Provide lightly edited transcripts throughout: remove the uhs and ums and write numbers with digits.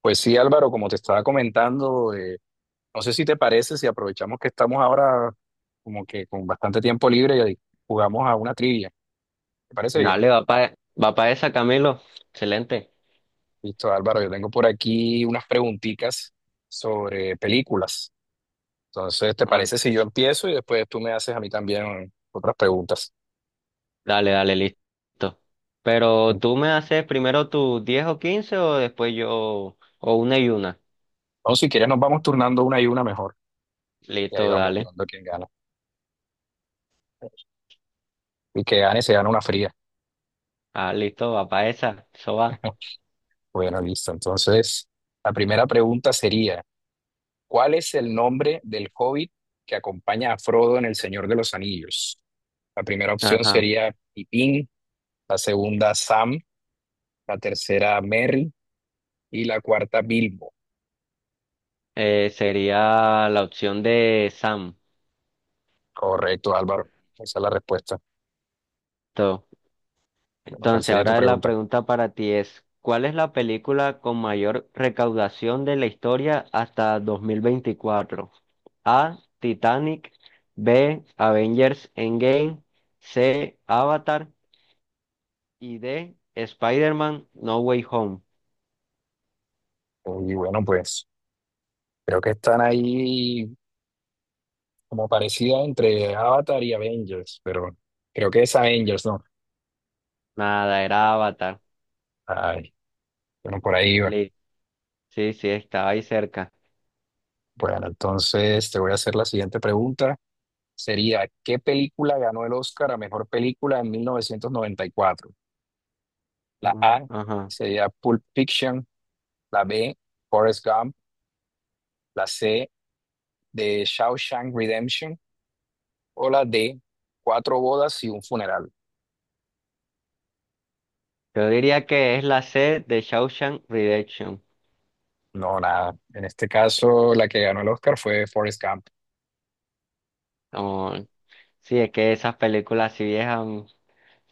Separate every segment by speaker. Speaker 1: Pues sí, Álvaro, como te estaba comentando, no sé si te parece, si aprovechamos que estamos ahora como que con bastante tiempo libre y jugamos a una trivia. ¿Te parece bien?
Speaker 2: Dale, va para va pa esa, Camilo. Excelente.
Speaker 1: Listo, Álvaro, yo tengo por aquí unas preguntitas sobre películas. Entonces, ¿te
Speaker 2: Ah,
Speaker 1: parece si yo empiezo y después tú me haces a mí también otras preguntas?
Speaker 2: dale, listo. Pero tú me haces primero tus 10 o 15 o después yo, o una y una.
Speaker 1: O si quieres, nos vamos turnando una y una mejor y ahí
Speaker 2: Listo,
Speaker 1: vamos
Speaker 2: dale.
Speaker 1: viendo quién gana. Y que gane se gana una fría.
Speaker 2: Ah, listo, va para esa. Eso va.
Speaker 1: Bueno, listo. Entonces, la primera pregunta sería... ¿Cuál es el nombre del hobbit que acompaña a Frodo en El Señor de los Anillos? La primera opción
Speaker 2: Ajá.
Speaker 1: sería Pippin, la segunda Sam, la tercera Merry y la cuarta Bilbo.
Speaker 2: Sería la opción de Sam.
Speaker 1: Correcto, Álvaro. Esa es la respuesta. Bueno, ¿cuál
Speaker 2: Entonces,
Speaker 1: sería tu
Speaker 2: ahora la
Speaker 1: pregunta?
Speaker 2: pregunta para ti es, ¿cuál es la película con mayor recaudación de la historia hasta 2024? A, Titanic. B, Avengers Endgame. C, Avatar. Y D, Spider-Man No Way Home.
Speaker 1: Y bueno, pues creo que están ahí como parecidas entre Avatar y Avengers, pero bueno, creo que es Avengers, ¿no?
Speaker 2: Nada, era Avatar.
Speaker 1: Ay, bueno, por ahí va.
Speaker 2: Li- Sí, sí, estaba ahí cerca.
Speaker 1: Bueno, entonces te voy a hacer la siguiente pregunta. Sería ¿qué película ganó el Oscar a mejor película en 1994? La
Speaker 2: Mm,
Speaker 1: A
Speaker 2: ajá.
Speaker 1: sería Pulp Fiction, la B, Forrest Gump, la C, de Shawshank Redemption o la D, Cuatro bodas y un funeral.
Speaker 2: Yo diría que es la C de Shawshank Redemption.
Speaker 1: No, nada. En este caso, la que ganó el Oscar fue Forrest Gump.
Speaker 2: Como- sí, es que esas películas así viejas.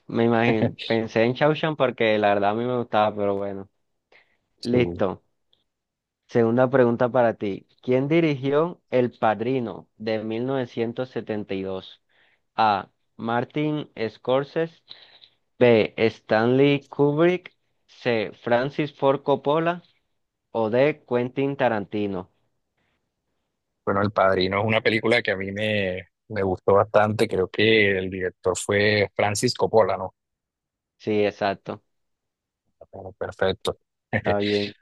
Speaker 2: Me imagino, pensé en Shawshank porque la verdad a mí me gustaba, pero bueno.
Speaker 1: Sí.
Speaker 2: Listo. Segunda pregunta para ti. ¿Quién dirigió El Padrino de 1972? A. Martin Scorsese. B. Stanley Kubrick. C. Francis Ford Coppola. O D. Quentin Tarantino.
Speaker 1: Bueno, El Padrino es una película que a me gustó bastante. Creo que el director fue Francis Coppola, ¿no?
Speaker 2: Sí, exacto.
Speaker 1: Bueno, perfecto. Entonces,
Speaker 2: Está bien.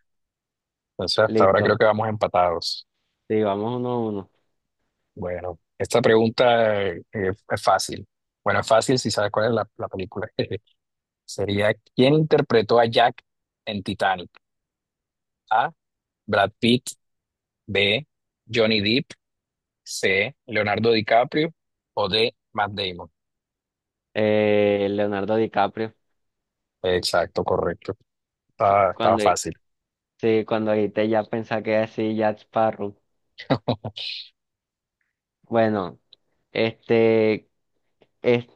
Speaker 1: hasta ahora creo
Speaker 2: Listo.
Speaker 1: que vamos empatados.
Speaker 2: Sí, vamos uno a uno.
Speaker 1: Bueno, esta pregunta es fácil. Bueno, es fácil si sabes cuál es la película. Sería, ¿quién interpretó a Jack en Titanic? A. Brad Pitt. B. Johnny Depp. C. Leonardo DiCaprio. O D. Matt Damon.
Speaker 2: Leonardo DiCaprio.
Speaker 1: Exacto, correcto. Estaba
Speaker 2: Cuando,
Speaker 1: fácil.
Speaker 2: sí, cuando te ya pensé que era así, Jack Sparrow. Bueno, este, es-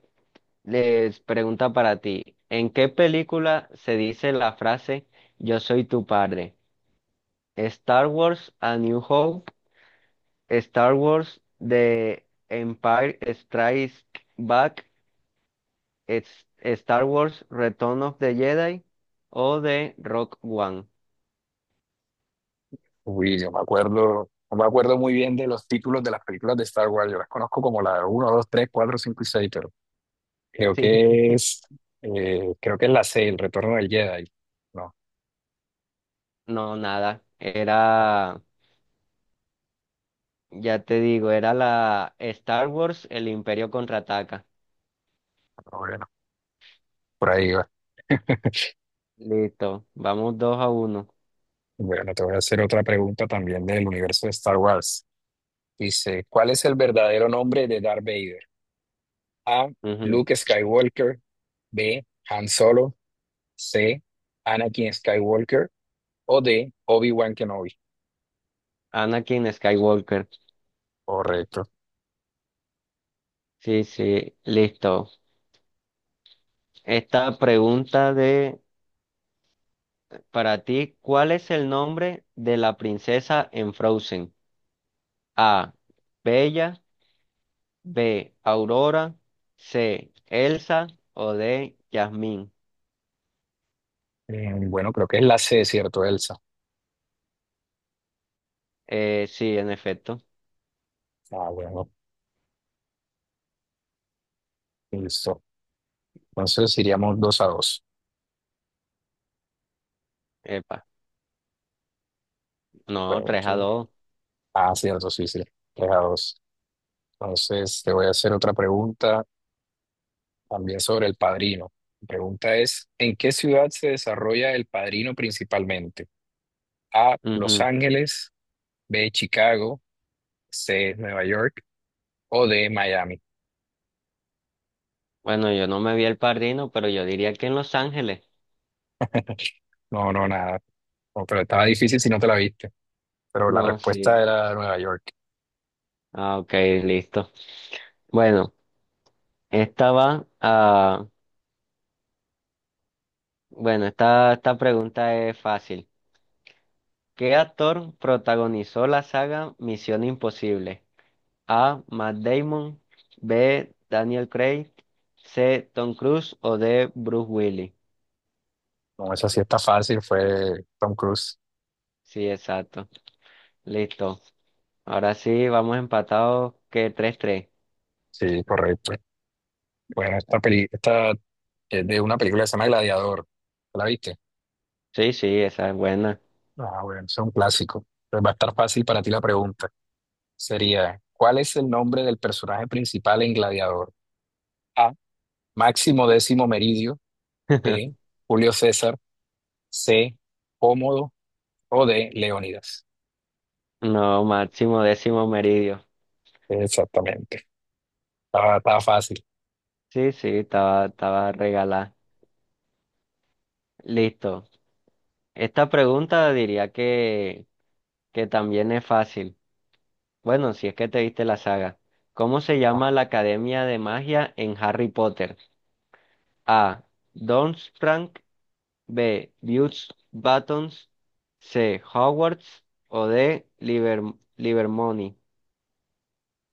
Speaker 2: les pregunta para ti, ¿en qué película se dice la frase yo soy tu padre? Star Wars, A New Hope. Star Wars, The Empire Strikes Back. Star Wars, Return of the Jedi. O de Rock One.
Speaker 1: Uy, no me acuerdo muy bien de los títulos de las películas de Star Wars. Yo las conozco como la uno, 2, 3, 4, 5 y 6, pero creo
Speaker 2: Sí.
Speaker 1: que es, creo que es la 6, El Retorno del Jedi. No.
Speaker 2: No, nada. Era, ya te digo, era la Star Wars, El Imperio Contraataca.
Speaker 1: Bueno, por ahí va.
Speaker 2: Listo, vamos dos a uno.
Speaker 1: Bueno, te voy a hacer otra pregunta también del universo de Star Wars. Dice, ¿cuál es el verdadero nombre de Darth Vader? A.
Speaker 2: Ujú.
Speaker 1: Luke Skywalker. B. Han Solo. C. Anakin Skywalker. O D. Obi-Wan Kenobi.
Speaker 2: Anakin Skywalker.
Speaker 1: Correcto.
Speaker 2: Sí, sí, listo. Esta pregunta de Para ti, ¿cuál es el nombre de la princesa en Frozen? A. Bella. B. Aurora. C. Elsa. O D. Jasmine.
Speaker 1: Bueno, creo que es la C, ¿cierto, Elsa?
Speaker 2: Sí, en efecto.
Speaker 1: Ah, bueno, listo. Entonces iríamos dos a dos.
Speaker 2: Epa, no,
Speaker 1: Bueno,
Speaker 2: tres a
Speaker 1: yo-
Speaker 2: dos.
Speaker 1: Ah, cierto, sí, sí. Tres a dos. Entonces te voy a hacer otra pregunta. También sobre El Padrino. Mi pregunta es, ¿en qué ciudad se desarrolla El Padrino principalmente? A, Los
Speaker 2: Ujú.
Speaker 1: Ángeles, B, Chicago, C, Nueva York o D, Miami.
Speaker 2: Bueno, yo no me vi el padrino, pero yo diría que en Los Ángeles.
Speaker 1: No, nada. No, pero estaba difícil si no te la viste. Pero la
Speaker 2: No,
Speaker 1: respuesta
Speaker 2: sí.
Speaker 1: era Nueva York.
Speaker 2: Ah, ok, listo. Bueno. Esta va a... Bueno, esta pregunta es fácil. ¿Qué actor protagonizó la saga Misión Imposible? A. Matt Damon. B. Daniel Craig. C. Tom Cruise. O D. Bruce Willis.
Speaker 1: No, esa sí está fácil, fue Tom Cruise.
Speaker 2: Sí, exacto. Listo. Ahora sí, vamos empatados que tres tres.
Speaker 1: Sí, correcto. Bueno, esta es de una película que se llama Gladiador. ¿La viste?
Speaker 2: Sí, sí, esa es buena.
Speaker 1: Ah, bueno, es un clásico. Entonces va a estar fácil para ti la pregunta. Sería, ¿cuál es el nombre del personaje principal en Gladiador? A. Máximo Décimo Meridio. B. Julio César. C. Cómodo. O D. Leónidas.
Speaker 2: No, máximo décimo meridio.
Speaker 1: Exactamente. Estaba fácil.
Speaker 2: Sí, sí, estaba regalada. Listo. Esta pregunta diría que también es fácil. Bueno, si es que te viste la saga. ¿Cómo se llama la Academia de Magia en Harry Potter? A. Doomsprank. B. Butch Buttons. C. Hogwarts. O D. Liber Livermony.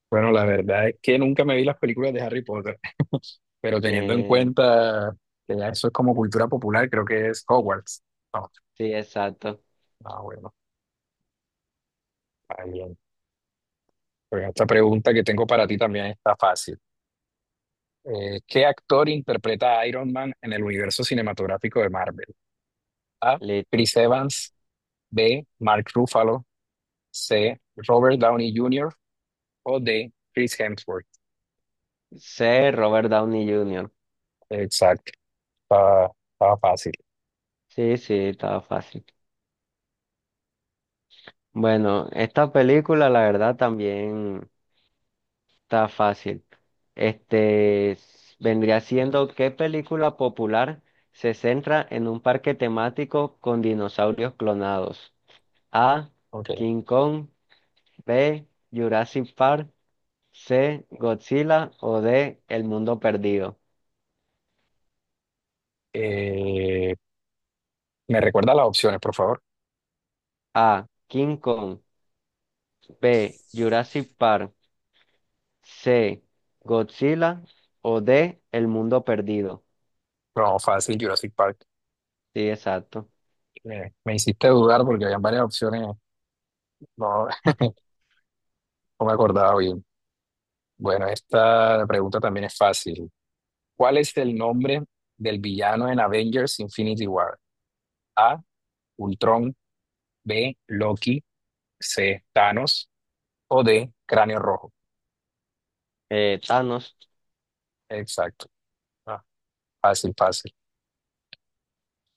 Speaker 1: Bueno, la verdad es que nunca me vi las películas de Harry Potter, pero teniendo en
Speaker 2: Bien,
Speaker 1: cuenta que ya eso es como cultura popular, creo que es Hogwarts. No,
Speaker 2: sí, exacto.
Speaker 1: ah, bueno, está bien. Pero esta pregunta que tengo para ti también está fácil. ¿Qué actor interpreta a Iron Man en el universo cinematográfico de Marvel? A.
Speaker 2: Listo.
Speaker 1: Chris Evans. B. Mark Ruffalo. C. Robert Downey Jr. o D. Chris Hemsworth.
Speaker 2: C. Robert Downey Jr.
Speaker 1: Exacto. Estaba fácil.
Speaker 2: Sí, sí, estaba fácil. Bueno, esta película la verdad también está fácil. Vendría siendo, ¿qué película popular se centra en un parque temático con dinosaurios clonados? A.
Speaker 1: Ok.
Speaker 2: King Kong. B. Jurassic Park. C. Godzilla. O D. El Mundo Perdido.
Speaker 1: Eh, ¿Me recuerda las opciones, por favor?
Speaker 2: A. King Kong. B. Jurassic Park. C. Godzilla. O D. El Mundo Perdido.
Speaker 1: No, fácil, Jurassic Park.
Speaker 2: Sí, exacto.
Speaker 1: Me hiciste dudar porque habían varias opciones. No, no me acordaba bien. Bueno, esta pregunta también es fácil. ¿Cuál es el nombre del villano en Avengers Infinity War? A. Ultron, B, Loki, C, Thanos o D, Cráneo Rojo.
Speaker 2: Thanos.
Speaker 1: Exacto. Ah, fácil, fácil.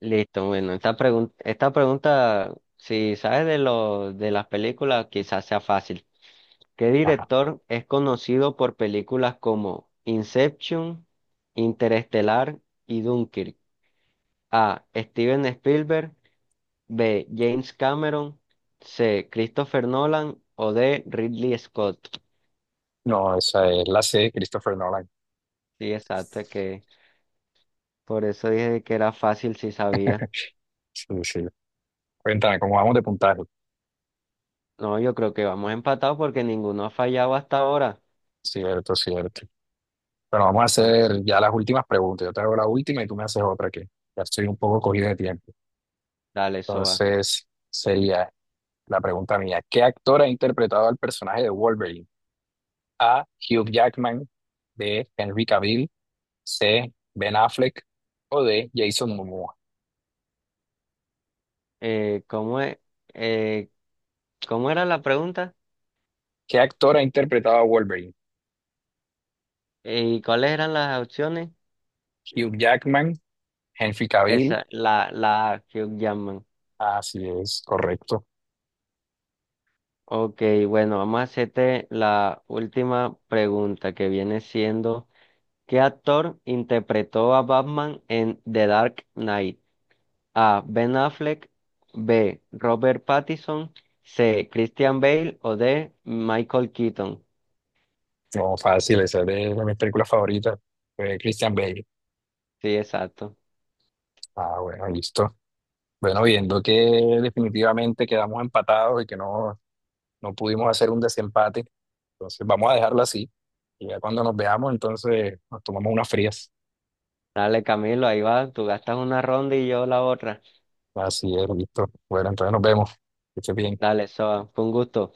Speaker 2: Listo, bueno, esta pregunta, si sabes de lo de las películas, quizás sea fácil. ¿Qué
Speaker 1: Ajá.
Speaker 2: director es conocido por películas como Inception, Interestelar y Dunkirk? A. Steven Spielberg. B. James Cameron. C. Christopher Nolan. O D. Ridley Scott.
Speaker 1: No, esa es la C, Christopher Nolan.
Speaker 2: Sí, exacto, que por eso dije que era fácil si sabía.
Speaker 1: Sí, sí. Cuéntame, ¿cómo vamos de puntaje?
Speaker 2: No, yo creo que vamos empatados porque ninguno ha fallado hasta ahora.
Speaker 1: Cierto, cierto. Bueno, vamos a
Speaker 2: Entonces,
Speaker 1: hacer ya las últimas preguntas. Yo te hago la última y tú me haces otra que ya estoy un poco cogido de tiempo.
Speaker 2: dale, Soa.
Speaker 1: Entonces, sería la pregunta mía. ¿Qué actor ha interpretado al personaje de Wolverine? A, Hugh Jackman, B, Henry Cavill, C. Ben Affleck o D. Jason Momoa.
Speaker 2: ¿Cómo es? Eh, ¿Cómo era la pregunta?
Speaker 1: ¿Qué actor ha interpretado a Wolverine?
Speaker 2: ¿Y cuáles eran las opciones?
Speaker 1: Hugh Jackman, Henry Cavill.
Speaker 2: Esa, la Hugh Jackman.
Speaker 1: Así es, correcto.
Speaker 2: Ok, bueno, vamos a hacerte la última pregunta que viene siendo, ¿qué actor interpretó a Batman en The Dark Knight? A. Ben Affleck. B. Robert Pattinson. C. Christian Bale. O D. Michael Keaton.
Speaker 1: No, fácil, esa es de, mis películas favoritas. Fue Christian Bale.
Speaker 2: Sí, exacto.
Speaker 1: Ah, bueno, listo. Bueno, viendo que definitivamente quedamos empatados y que no pudimos hacer un desempate, entonces vamos a dejarlo así. Y ya cuando nos veamos, entonces nos tomamos unas frías.
Speaker 2: Dale, Camilo, ahí va, tú gastas una ronda y yo la otra.
Speaker 1: Así es, listo. Bueno, entonces nos vemos. Que estés bien.
Speaker 2: Dale, Soba, fue un gusto.